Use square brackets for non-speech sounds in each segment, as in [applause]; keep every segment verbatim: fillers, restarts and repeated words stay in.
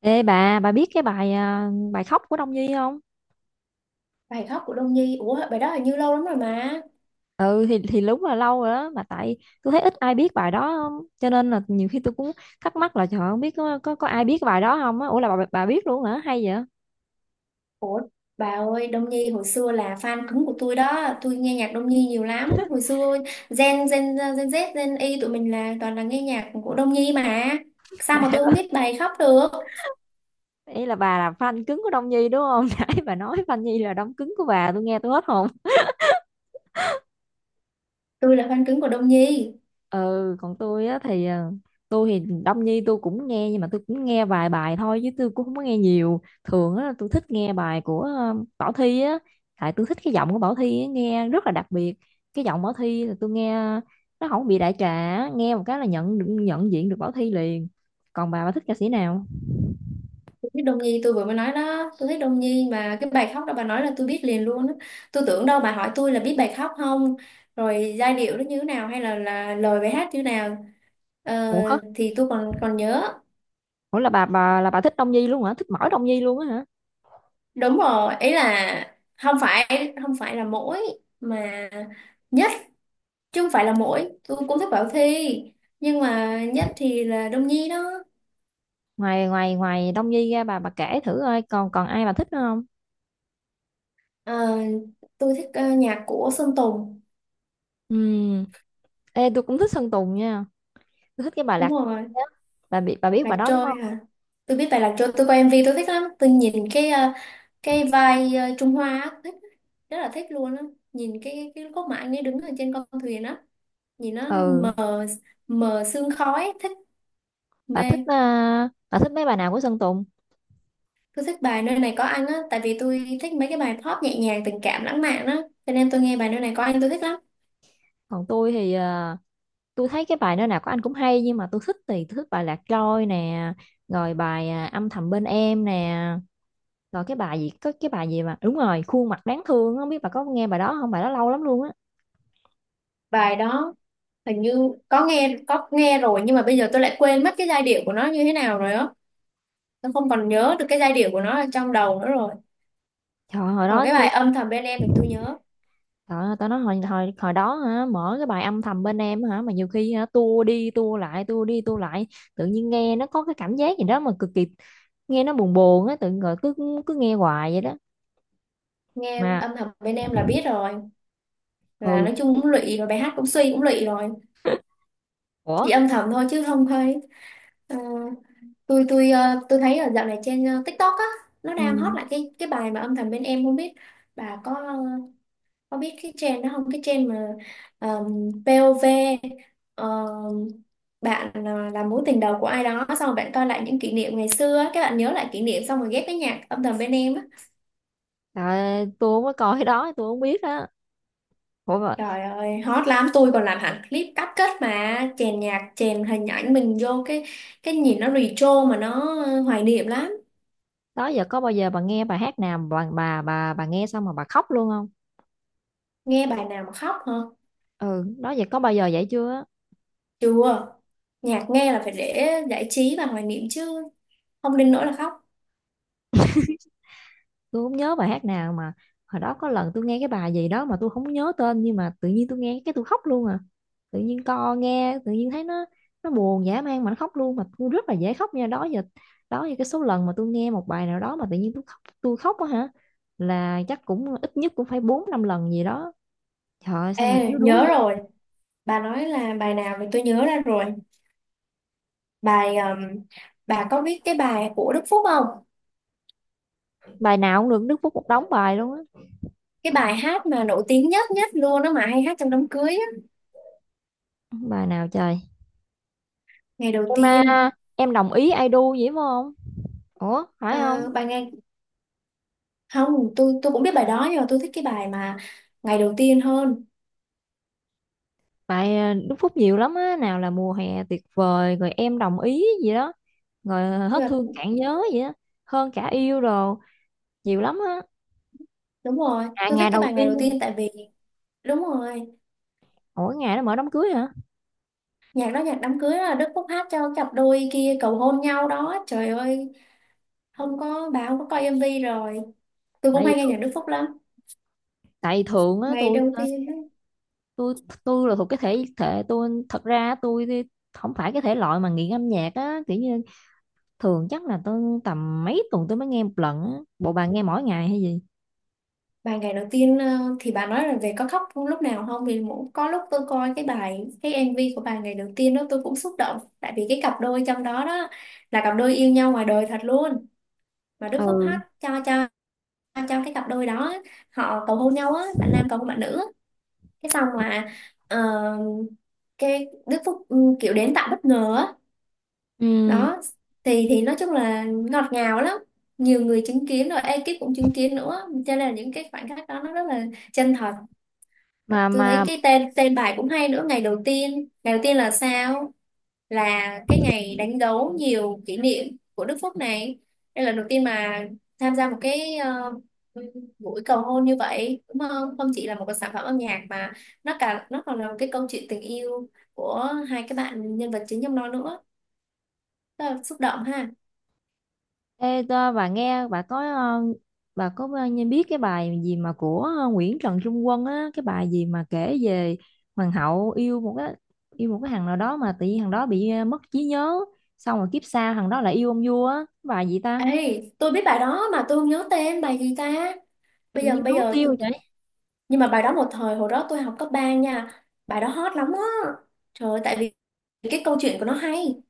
Ê bà, bà biết cái bài à, bài khóc của Đông Nhi không? Bài khóc của Đông Nhi, ủa bài đó hình như lâu lắm rồi mà. Ừ thì thì đúng là lâu rồi đó mà tại tôi thấy ít ai biết bài đó không? Cho nên là nhiều khi tôi cũng thắc mắc là trời ơi, không biết có có có ai biết cái bài đó không á. Ủa là bà bà biết luôn hả? Hay vậy? Ủa bà ơi, Đông Nhi hồi xưa là fan cứng của tôi đó, tôi nghe nhạc Đông Nhi nhiều lắm hồi xưa. Gen Gen Gen Z Gen Y tụi mình là toàn là nghe nhạc của Đông Nhi mà, [laughs] sao mà Nãy tôi không bà, biết bài khóc được. ý là bà là fan cứng của Đông Nhi đúng không? [laughs] Nãy bà nói fan Nhi là đóng cứng của bà, tôi nghe tôi hết hồn. Tôi là fan cứng của Đông Nhi. Ừ còn tôi á thì ờ, tôi thì Đông Nhi tôi cũng nghe nhưng mà tôi cũng nghe vài bài thôi chứ tôi cũng không có nghe nhiều thường á, tôi thích nghe bài của ờ, Bảo Thy á. Tại tôi thích cái giọng của Bảo Thy á, nghe rất là đặc biệt. Cái giọng Bảo Thy là tôi nghe nó không bị đại trà á, nghe một cái là nhận được- nhận diện được Bảo Thy liền. Còn bà bà thích ca sĩ nào? Tôi thích Đông Nhi, tôi vừa mới nói đó, tôi thích Đông Nhi, mà cái bài khóc đó bà nói là tôi biết liền luôn á. Tôi tưởng đâu bà hỏi tôi là biết bài khóc không, rồi giai điệu nó như thế nào hay là là lời bài hát như thế nào. Ờ, Ủa hả? thì tôi còn còn nhớ. Ủa là bà bà là bà thích Đông Nhi luôn hả, thích mỗi Đông Nhi luôn á hả? Đúng rồi, ý là không phải, không phải là mỗi, mà nhất, chứ không phải là mỗi, tôi cũng thích Bảo Thy, nhưng mà nhất thì là Đông Nhi đó. Ngoài ngoài ngoài Đông Nhi ra, bà bà kể thử coi còn còn ai bà thích nữa không? Ờ, tôi thích ờ, nhạc của Sơn Tùng. Ừ. Ê, tôi cũng thích Sơn Tùng nha. Tôi thích cái bài Đúng Lạc rồi. Quê á. Bà bị bà biết Lạc bài đó đúng Trôi không? hả? Tôi biết bài Lạc Trôi, tôi coi M V tôi thích lắm, tôi nhìn cái ờ, cái vai ờ, Trung Hoa á, thích, rất là thích luôn á. Nhìn cái cái cốt mà anh ấy đứng ở trên con thuyền á, nhìn nó Ừ. mờ mờ sương khói, thích, mê. Bà thích à, bà thích mấy bài nào của Sơn Tùng? Tôi thích bài nơi này có anh á, tại vì tôi thích mấy cái bài pop nhẹ nhàng, tình cảm, lãng mạn á, cho nên tôi nghe bài nơi này có anh tôi thích lắm. Còn tôi thì à, tôi thấy cái bài nơi nào của anh cũng hay nhưng mà tôi thích thì tôi thích bài Lạc Trôi nè, rồi bài à, âm thầm bên em nè, rồi cái bài gì có cái bài gì mà đúng rồi, khuôn mặt đáng thương á, không biết bà có nghe bài đó không, bài đó lâu lắm luôn á. Bài đó hình như có nghe, có nghe rồi nhưng mà bây giờ tôi lại quên mất cái giai điệu của nó như thế nào rồi á. Tôi không còn nhớ được cái giai điệu của nó ở trong đầu nữa rồi. Trời ơi, hồi Còn đó cái bài tôi... âm thầm bên em thì tôi nhớ, Trời ơi, tao nói hồi, hồi hồi đó hả, mở cái bài âm thầm bên em hả, mà nhiều khi hả tua đi tua lại tua đi tua lại, tự nhiên nghe nó có cái cảm giác gì đó mà cực kỳ, nghe nó buồn buồn á, tự nhiên rồi cứ cứ nghe hoài vậy đó. nghe Mà âm thầm bên em là biết rồi, là ừ. nói chung cũng lụy, và bài hát cũng suy cũng lụy rồi. Ủa. Chỉ âm thầm thôi chứ không thấy. tôi tôi ờ, tôi thấy ở dạo này trên ờ, TikTok á, nó đang hot Ừ. lại cái cái bài mà âm thầm bên em, không biết bà có ờ, có biết cái trend đó không, cái trend mà ờm, pê ô vê, ờ, bạn ờ, là mối tình đầu của ai đó, xong rồi bạn coi lại những kỷ niệm ngày xưa á, các bạn nhớ lại kỷ niệm xong rồi ghép với nhạc âm thầm bên em á. À, tôi không có coi cái đó, tôi không biết đó. Ủa mà, Trời ơi hot lắm, tôi còn làm hẳn clip cắt kết mà chèn nhạc, chèn hình ảnh mình vô, cái cái nhìn nó retro mà nó ờ, hoài niệm lắm. đó giờ có bao giờ bà nghe bài hát nào mà bà bà bà bà nghe xong mà bà khóc luôn không? Nghe bài nào mà khóc hả? Ừ. Đó giờ có bao giờ vậy chưa? Chưa. Nhạc nghe là phải để giải trí và hoài niệm chứ không đến nỗi là khóc. Tôi không nhớ bài hát nào mà hồi đó có lần tôi nghe cái bài gì đó mà tôi không nhớ tên, nhưng mà tự nhiên tôi nghe cái tôi khóc luôn à, tự nhiên co nghe tự nhiên thấy nó nó buồn dã man mà nó khóc luôn, mà tôi rất là dễ khóc nha đó giờ. Đó giờ cái số lần mà tôi nghe một bài nào đó mà tự nhiên tôi khóc tôi khóc á hả, là chắc cũng ít nhất cũng phải bốn năm lần gì đó. Trời ơi, sao mình Ê, yếu đuối nhớ vậy. rồi, bà nói là bài nào thì tôi nhớ ra rồi. Bài ừm, bà có biết cái bài của Đức Phúc không? Bài nào cũng được, Đức Phúc một đống bài luôn á. Cái bài hát mà nổi tiếng nhất nhất luôn đó mà hay hát trong đám cưới á. Bài nào trời? Ngày đầu Em tiên. à, em đồng ý I do vậy phải không? Ủa phải không? À, bài ngày, không, tôi tôi cũng biết bài đó nhưng mà tôi thích cái bài mà ngày đầu tiên hơn. Tại à, Đức Phúc nhiều lắm á, nào là mùa hè tuyệt vời, rồi em đồng ý gì đó, rồi à, hết Nhưng mà thương cạn nhớ gì đó, hơn cả yêu đồ, nhiều lắm á. đúng rồi, À tôi thích ngày cái đầu bài ngày đầu tiên, tiên tại vì đúng rồi, mỗi ngày nó mở đám cưới hả? nhạc đó nhạc đám cưới là Đức Phúc hát cho cặp đôi kia cầu hôn nhau đó. Trời ơi, không có, bà không có coi M V rồi. Tôi Tại cũng vì hay nghe thường, nhạc Đức Phúc lắm. Tại vì thường á, Ngày tôi đầu ờ, tiên ấy, tôi tôi là thuộc cái thể thể tôi, thật ra tôi thì không phải cái thể loại mà nghiện âm nhạc á, kiểu như thường chắc là tôi tầm mấy tuần tôi mới nghe một lần á. Bộ bà nghe mỗi ngày hay gì? bài ngày đầu tiên ờ, thì bà nói là về có khóc không lúc nào không, thì mỗi có lúc tôi coi cái bài cái M V của bài ngày đầu tiên đó tôi cũng xúc động, tại vì cái cặp đôi trong đó đó là cặp đôi yêu nhau ngoài đời thật luôn, mà Đức Phúc Ừ. hát cho cho cho cái cặp đôi đó, họ cầu hôn nhau á, bạn nam cầu hôn bạn nữ á. Cái xong mà ờ, cái Đức Phúc ừ, kiểu đến tạo bất ngờ á Ừ. đó, thì thì nói chung là ngọt ngào lắm, nhiều người chứng kiến rồi ekip cũng chứng kiến nữa, cho nên là những cái khoảnh khắc đó nó rất là chân thật. Mà Tôi thấy mà cái tên tên bài cũng hay nữa, ngày đầu tiên, ngày đầu tiên là sao, là cái ngày đánh dấu nhiều kỷ niệm của Đức Phúc này, đây là lần đầu tiên mà tham gia một cái ờ, buổi cầu hôn như vậy đúng không, không chỉ là một cái sản phẩm âm nhạc mà nó cả nó còn là một cái câu chuyện tình yêu của hai cái bạn nhân vật chính trong nó nữa, rất là xúc động ha. Ê, tơ, bà nghe bà có ờ, bà có bao nhiêu biết cái bài gì mà của ờ, Nguyễn Trần Trung Quân á, cái bài gì mà kể về hoàng hậu yêu một cái, yêu một cái thằng nào đó mà tự nhiên thằng đó bị ờ, mất trí nhớ, xong rồi kiếp sau thằng đó lại yêu ông vua á, cái bài gì ta? Ê, tôi biết bài đó mà tôi không nhớ tên bài gì ta. Bây Tự giờ nhiên bây nó mất giờ tiêu tôi... vậy. nhưng mà bài đó một thời, hồi đó tôi học cấp ba nha. Bài đó hot lắm á. Trời ơi, tại vì cái câu chuyện của nó hay.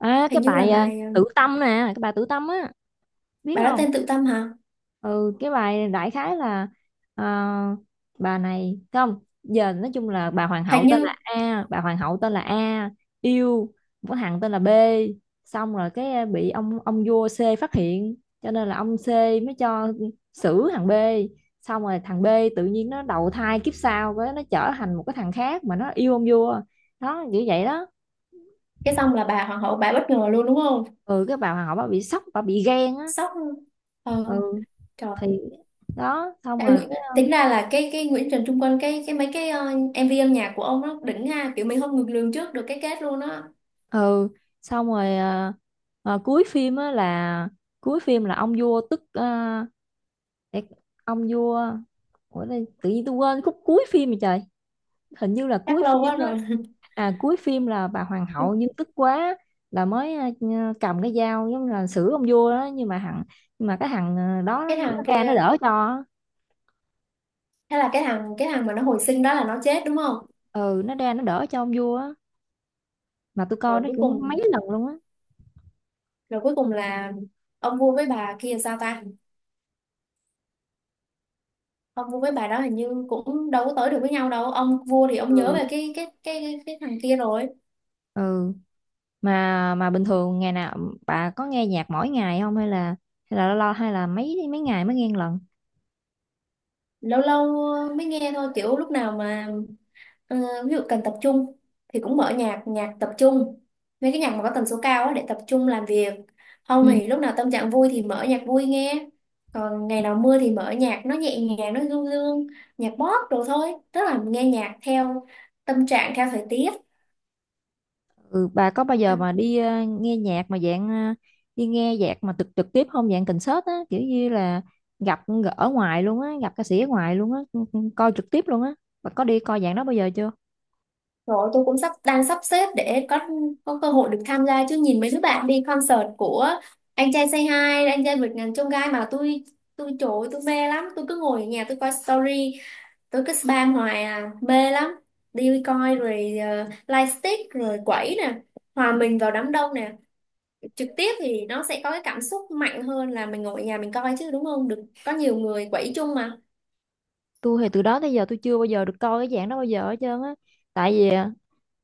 À cái Hình như là bài ờ, bài ờ, Tử Tâm nè, cái bài Tử Tâm á, biết bài đó không? tên Tự Tâm hả? Ừ cái bài đại khái là ờ, bà này không giờ nói chung là, bà hoàng hậu Hình tên như là A bà hoàng hậu tên là A yêu một cái thằng tên là B, xong rồi cái ờ, bị ông ông vua C phát hiện, cho nên là ông C mới cho xử thằng B, xong rồi thằng B tự nhiên nó đầu thai kiếp sau với nó trở thành một cái thằng khác mà nó yêu ông vua đó, kiểu vậy đó. cái xong là bà hoàng hậu bà bất ngờ luôn đúng không? Ừ cái bà hoàng hậu bà bị sốc, bà bị ghen á. Sốc luôn. Ờ, Ừ trời. thì đó xong Em rồi. tính ra là cái cái Nguyễn Trần Trung Quân cái cái mấy cái ờ, M V âm nhạc của ông nó đỉnh ha, kiểu mình không ngược lường trước được cái kết luôn á. Ừ xong rồi à, à, cuối phim á là, cuối phim là ông vua tức à, để, ông vua, ủa đây, tự nhiên tôi quên khúc cuối phim rồi trời. Hình như là cuối Chắc lâu quá phim á, rồi. à cuối phim là bà hoàng hậu nhưng [laughs] tức quá, là mới à, cầm cái dao giống như là xử ông vua đó, nhưng mà thằng, nhưng mà cái thằng à, đó Cái thằng nó ra nó kia, đỡ cho. thế là cái thằng cái thằng mà nó hồi sinh đó là nó chết đúng không? Ừ nó ra nó đỡ cho ông vua á, mà tôi coi rồi nó cuối cũng mấy cùng lần luôn á. Rồi cuối cùng là ông vua với bà kia sao ta, ông vua với bà đó hình như cũng đâu có tới được với nhau đâu, ông vua thì ông nhớ về Ừ. cái cái cái cái, cái thằng kia rồi. Ừ. mà mà bình thường ngày nào bà có nghe nhạc mỗi ngày không, hay là, hay là lo, hay là mấy mấy ngày mới nghe một lần? Lâu lâu mới nghe thôi, kiểu lúc nào mà Ờ, ví dụ cần tập trung thì cũng mở nhạc, nhạc tập trung, mấy cái nhạc mà có tần số cao á để tập trung làm việc, Ừ. không thì lúc nào tâm trạng vui thì mở nhạc vui nghe, còn ngày nào mưa thì mở nhạc nó nhẹ nhàng nó du dương, nhạc pop đồ thôi, tức là nghe nhạc theo tâm trạng, theo thời tiết. Ừ, bà có bao À, giờ mà đi ờ, nghe nhạc mà dạng ờ, đi nghe nhạc mà trực trực tiếp không, dạng concert á, kiểu như là gặp ở ngoài luôn á, gặp ca sĩ ở ngoài luôn á, ừ, ừ, coi trực tiếp luôn á, bà có đi coi dạng đó bao giờ chưa? rồi tôi cũng sắp đang sắp xếp để có có cơ hội được tham gia, chứ nhìn mấy đứa bạn đi concert của anh trai Say Hi, anh trai vượt ngàn chông gai mà tôi tôi trời tôi mê lắm, tôi cứ ngồi ở nhà tôi coi story, tôi cứ spam hoài à, mê lắm. Đi coi rồi uh, live stick rồi quẩy nè, hòa mình vào đám đông nè, trực tiếp thì nó sẽ có cái cảm xúc mạnh hơn là mình ngồi ở nhà mình coi chứ đúng không, được có nhiều người quẩy chung mà. Tôi thì từ đó tới giờ tôi chưa bao giờ được coi cái dạng đó bao giờ hết trơn á, tại vì ờ,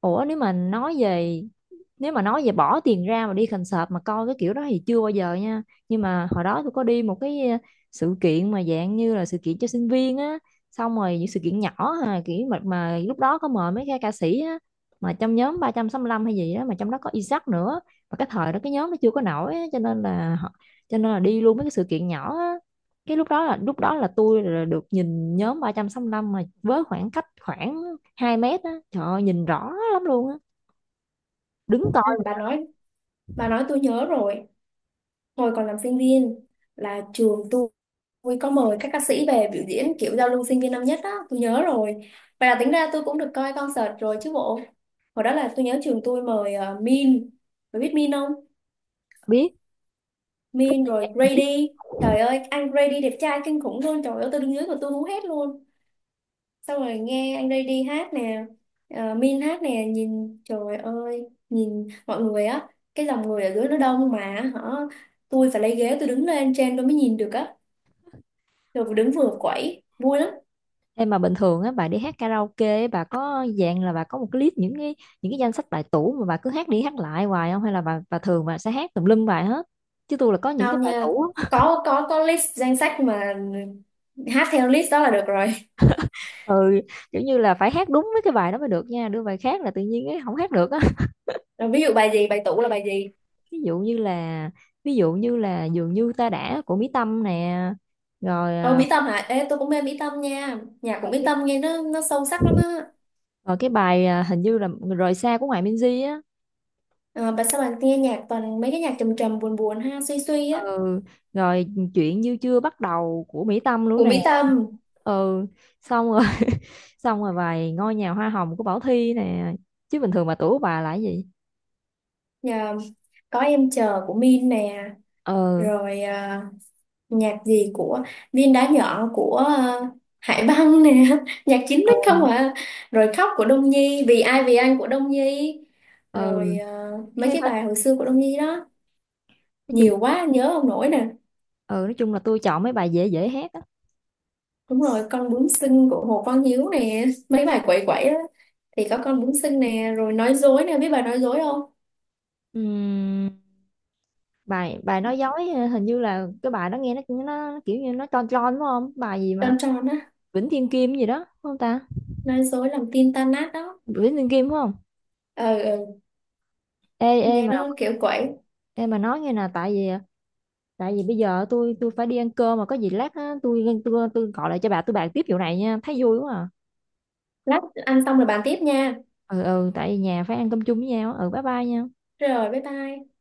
ủa nếu mà nói về, nếu mà nói về bỏ tiền ra mà đi concert mà coi cái kiểu đó thì chưa bao giờ nha. Nhưng mà hồi đó tôi có đi một cái ờ, sự kiện mà dạng như là sự kiện cho sinh viên á, xong rồi những sự kiện nhỏ ha, kiểu mà, mà lúc đó có mời mấy cái ca sĩ á, mà trong nhóm ba trăm sáu mươi lăm hay gì đó, mà trong đó có Isaac nữa, mà cái thời đó cái nhóm nó chưa có nổi á, cho nên là họ-, cho nên là đi luôn mấy cái sự kiện nhỏ á. Cái lúc đó là lúc đó là tôi là được nhìn nhóm ba trăm sáu mươi lăm mà với khoảng cách khoảng hai mét á, trời ơi, nhìn rõ lắm luôn á, đứng Hay coi bà mà nói, bà nói tôi nhớ rồi, hồi còn làm sinh viên là trường tôi tôi có mời các ca sĩ về biểu diễn kiểu giao lưu sinh viên năm nhất đó, tôi nhớ rồi, vậy là tính ra tôi cũng được coi concert rồi chứ bộ. Hồi đó là tôi nhớ trường tôi mời ờ, Min, bà biết Min không? biết thích Min nghe rồi nhạc bà biết. Grady. Trời ơi anh Grady đẹp trai kinh khủng luôn, trời ơi tôi đứng dưới mà tôi hú hét luôn, xong rồi nghe anh Grady hát nè, ờ, Min hát nè, nhìn trời ơi, nhìn mọi người á, cái dòng người ở dưới nó đông mà hả, tôi phải lấy ghế tôi đứng lên trên tôi mới nhìn được á, rồi đứng vừa quẩy vui lắm. Em mà bình thường á bà đi hát karaoke á, bà có dạng là bà có một cái list những cái, những cái danh sách bài tủ mà bà cứ hát đi hát lại hoài không, hay là bà bà thường bà sẽ hát tùm lum bài hết, chứ tôi là có những cái Không bài nha, tủ á. có có có list danh sách mà, hát theo list đó là được rồi. [laughs] Ừ, kiểu như là phải hát đúng với cái bài đó mới được nha, đưa bài khác là tự nhiên ấy, không hát được á. Rồi ví dụ bài gì, bài tủ là bài gì? [laughs] ví dụ như là Ví dụ như là dường như ta đã của Mỹ Tâm nè, rồi Ồ, à, Mỹ Tâm hả? Ê, tôi cũng mê Mỹ Tâm nha. Nhạc của rồi Mỹ cái Tâm nghe nó nó sâu sắc lắm á. rồi cái bài à, hình như là rời xa của Hoài Minzy á. Ờ, bạn sao bạn nghe nhạc toàn mấy cái nhạc trầm trầm buồn buồn ha, suy suy á. Ừ rồi chuyện như chưa bắt đầu của Mỹ Tâm luôn Của nè. Mỹ Tâm, Ừ xong rồi [laughs] xong rồi vài ngôi nhà hoa hồng của Bảo Thy nè. Chứ bình thường mà tuổi của bà là cái gì? nhờ có em chờ của Min nè, Ừ. rồi ờ, nhạc gì của Viên Đá Nhỏ của ờ, Hải Băng nè, [laughs] nhạc chín x Ừ. không à. Rồi khóc của Đông Nhi, vì ai vì anh của Đông Nhi. Rồi Ừ. ờ, mấy Thế cái phải- bài hồi xưa của Đông Nhi đó, nói chung, nhiều quá nhớ không nổi nè. ừ nói chung là tôi chọn mấy bài dễ dễ hát á. Đúng rồi, con bướm xinh của Hồ Quang Hiếu nè, mấy bài quẩy quẩy á thì có con bướm xinh nè, rồi nói dối nè, biết bài nói dối không? Ừm, bài bài nói dối ờ, hình như là cái bài đó nghe nó nó kiểu như nó tròn tròn đúng không, bài gì mà Tròn tròn á, Vĩnh Thiên Kim gì đó đúng không ta, nói dối làm tin tan nát đó. Vĩnh Thiên Kim đúng không? Ờ ừ, Ê ê nghe mà nó kiểu quậy. em mà nói nghe nè, tại vì tại vì bây giờ tôi tôi phải đi ăn cơm mà có gì lát á, tôi tôi tôi gọi lại cho bà, tôi bàn tiếp vụ này nha, thấy vui quá à. Lát ăn xong rồi bàn tiếp nha. Ừ ừ tại vì nhà phải ăn cơm chung với nhau á. Ừ bye bye nha. Rồi bye bye.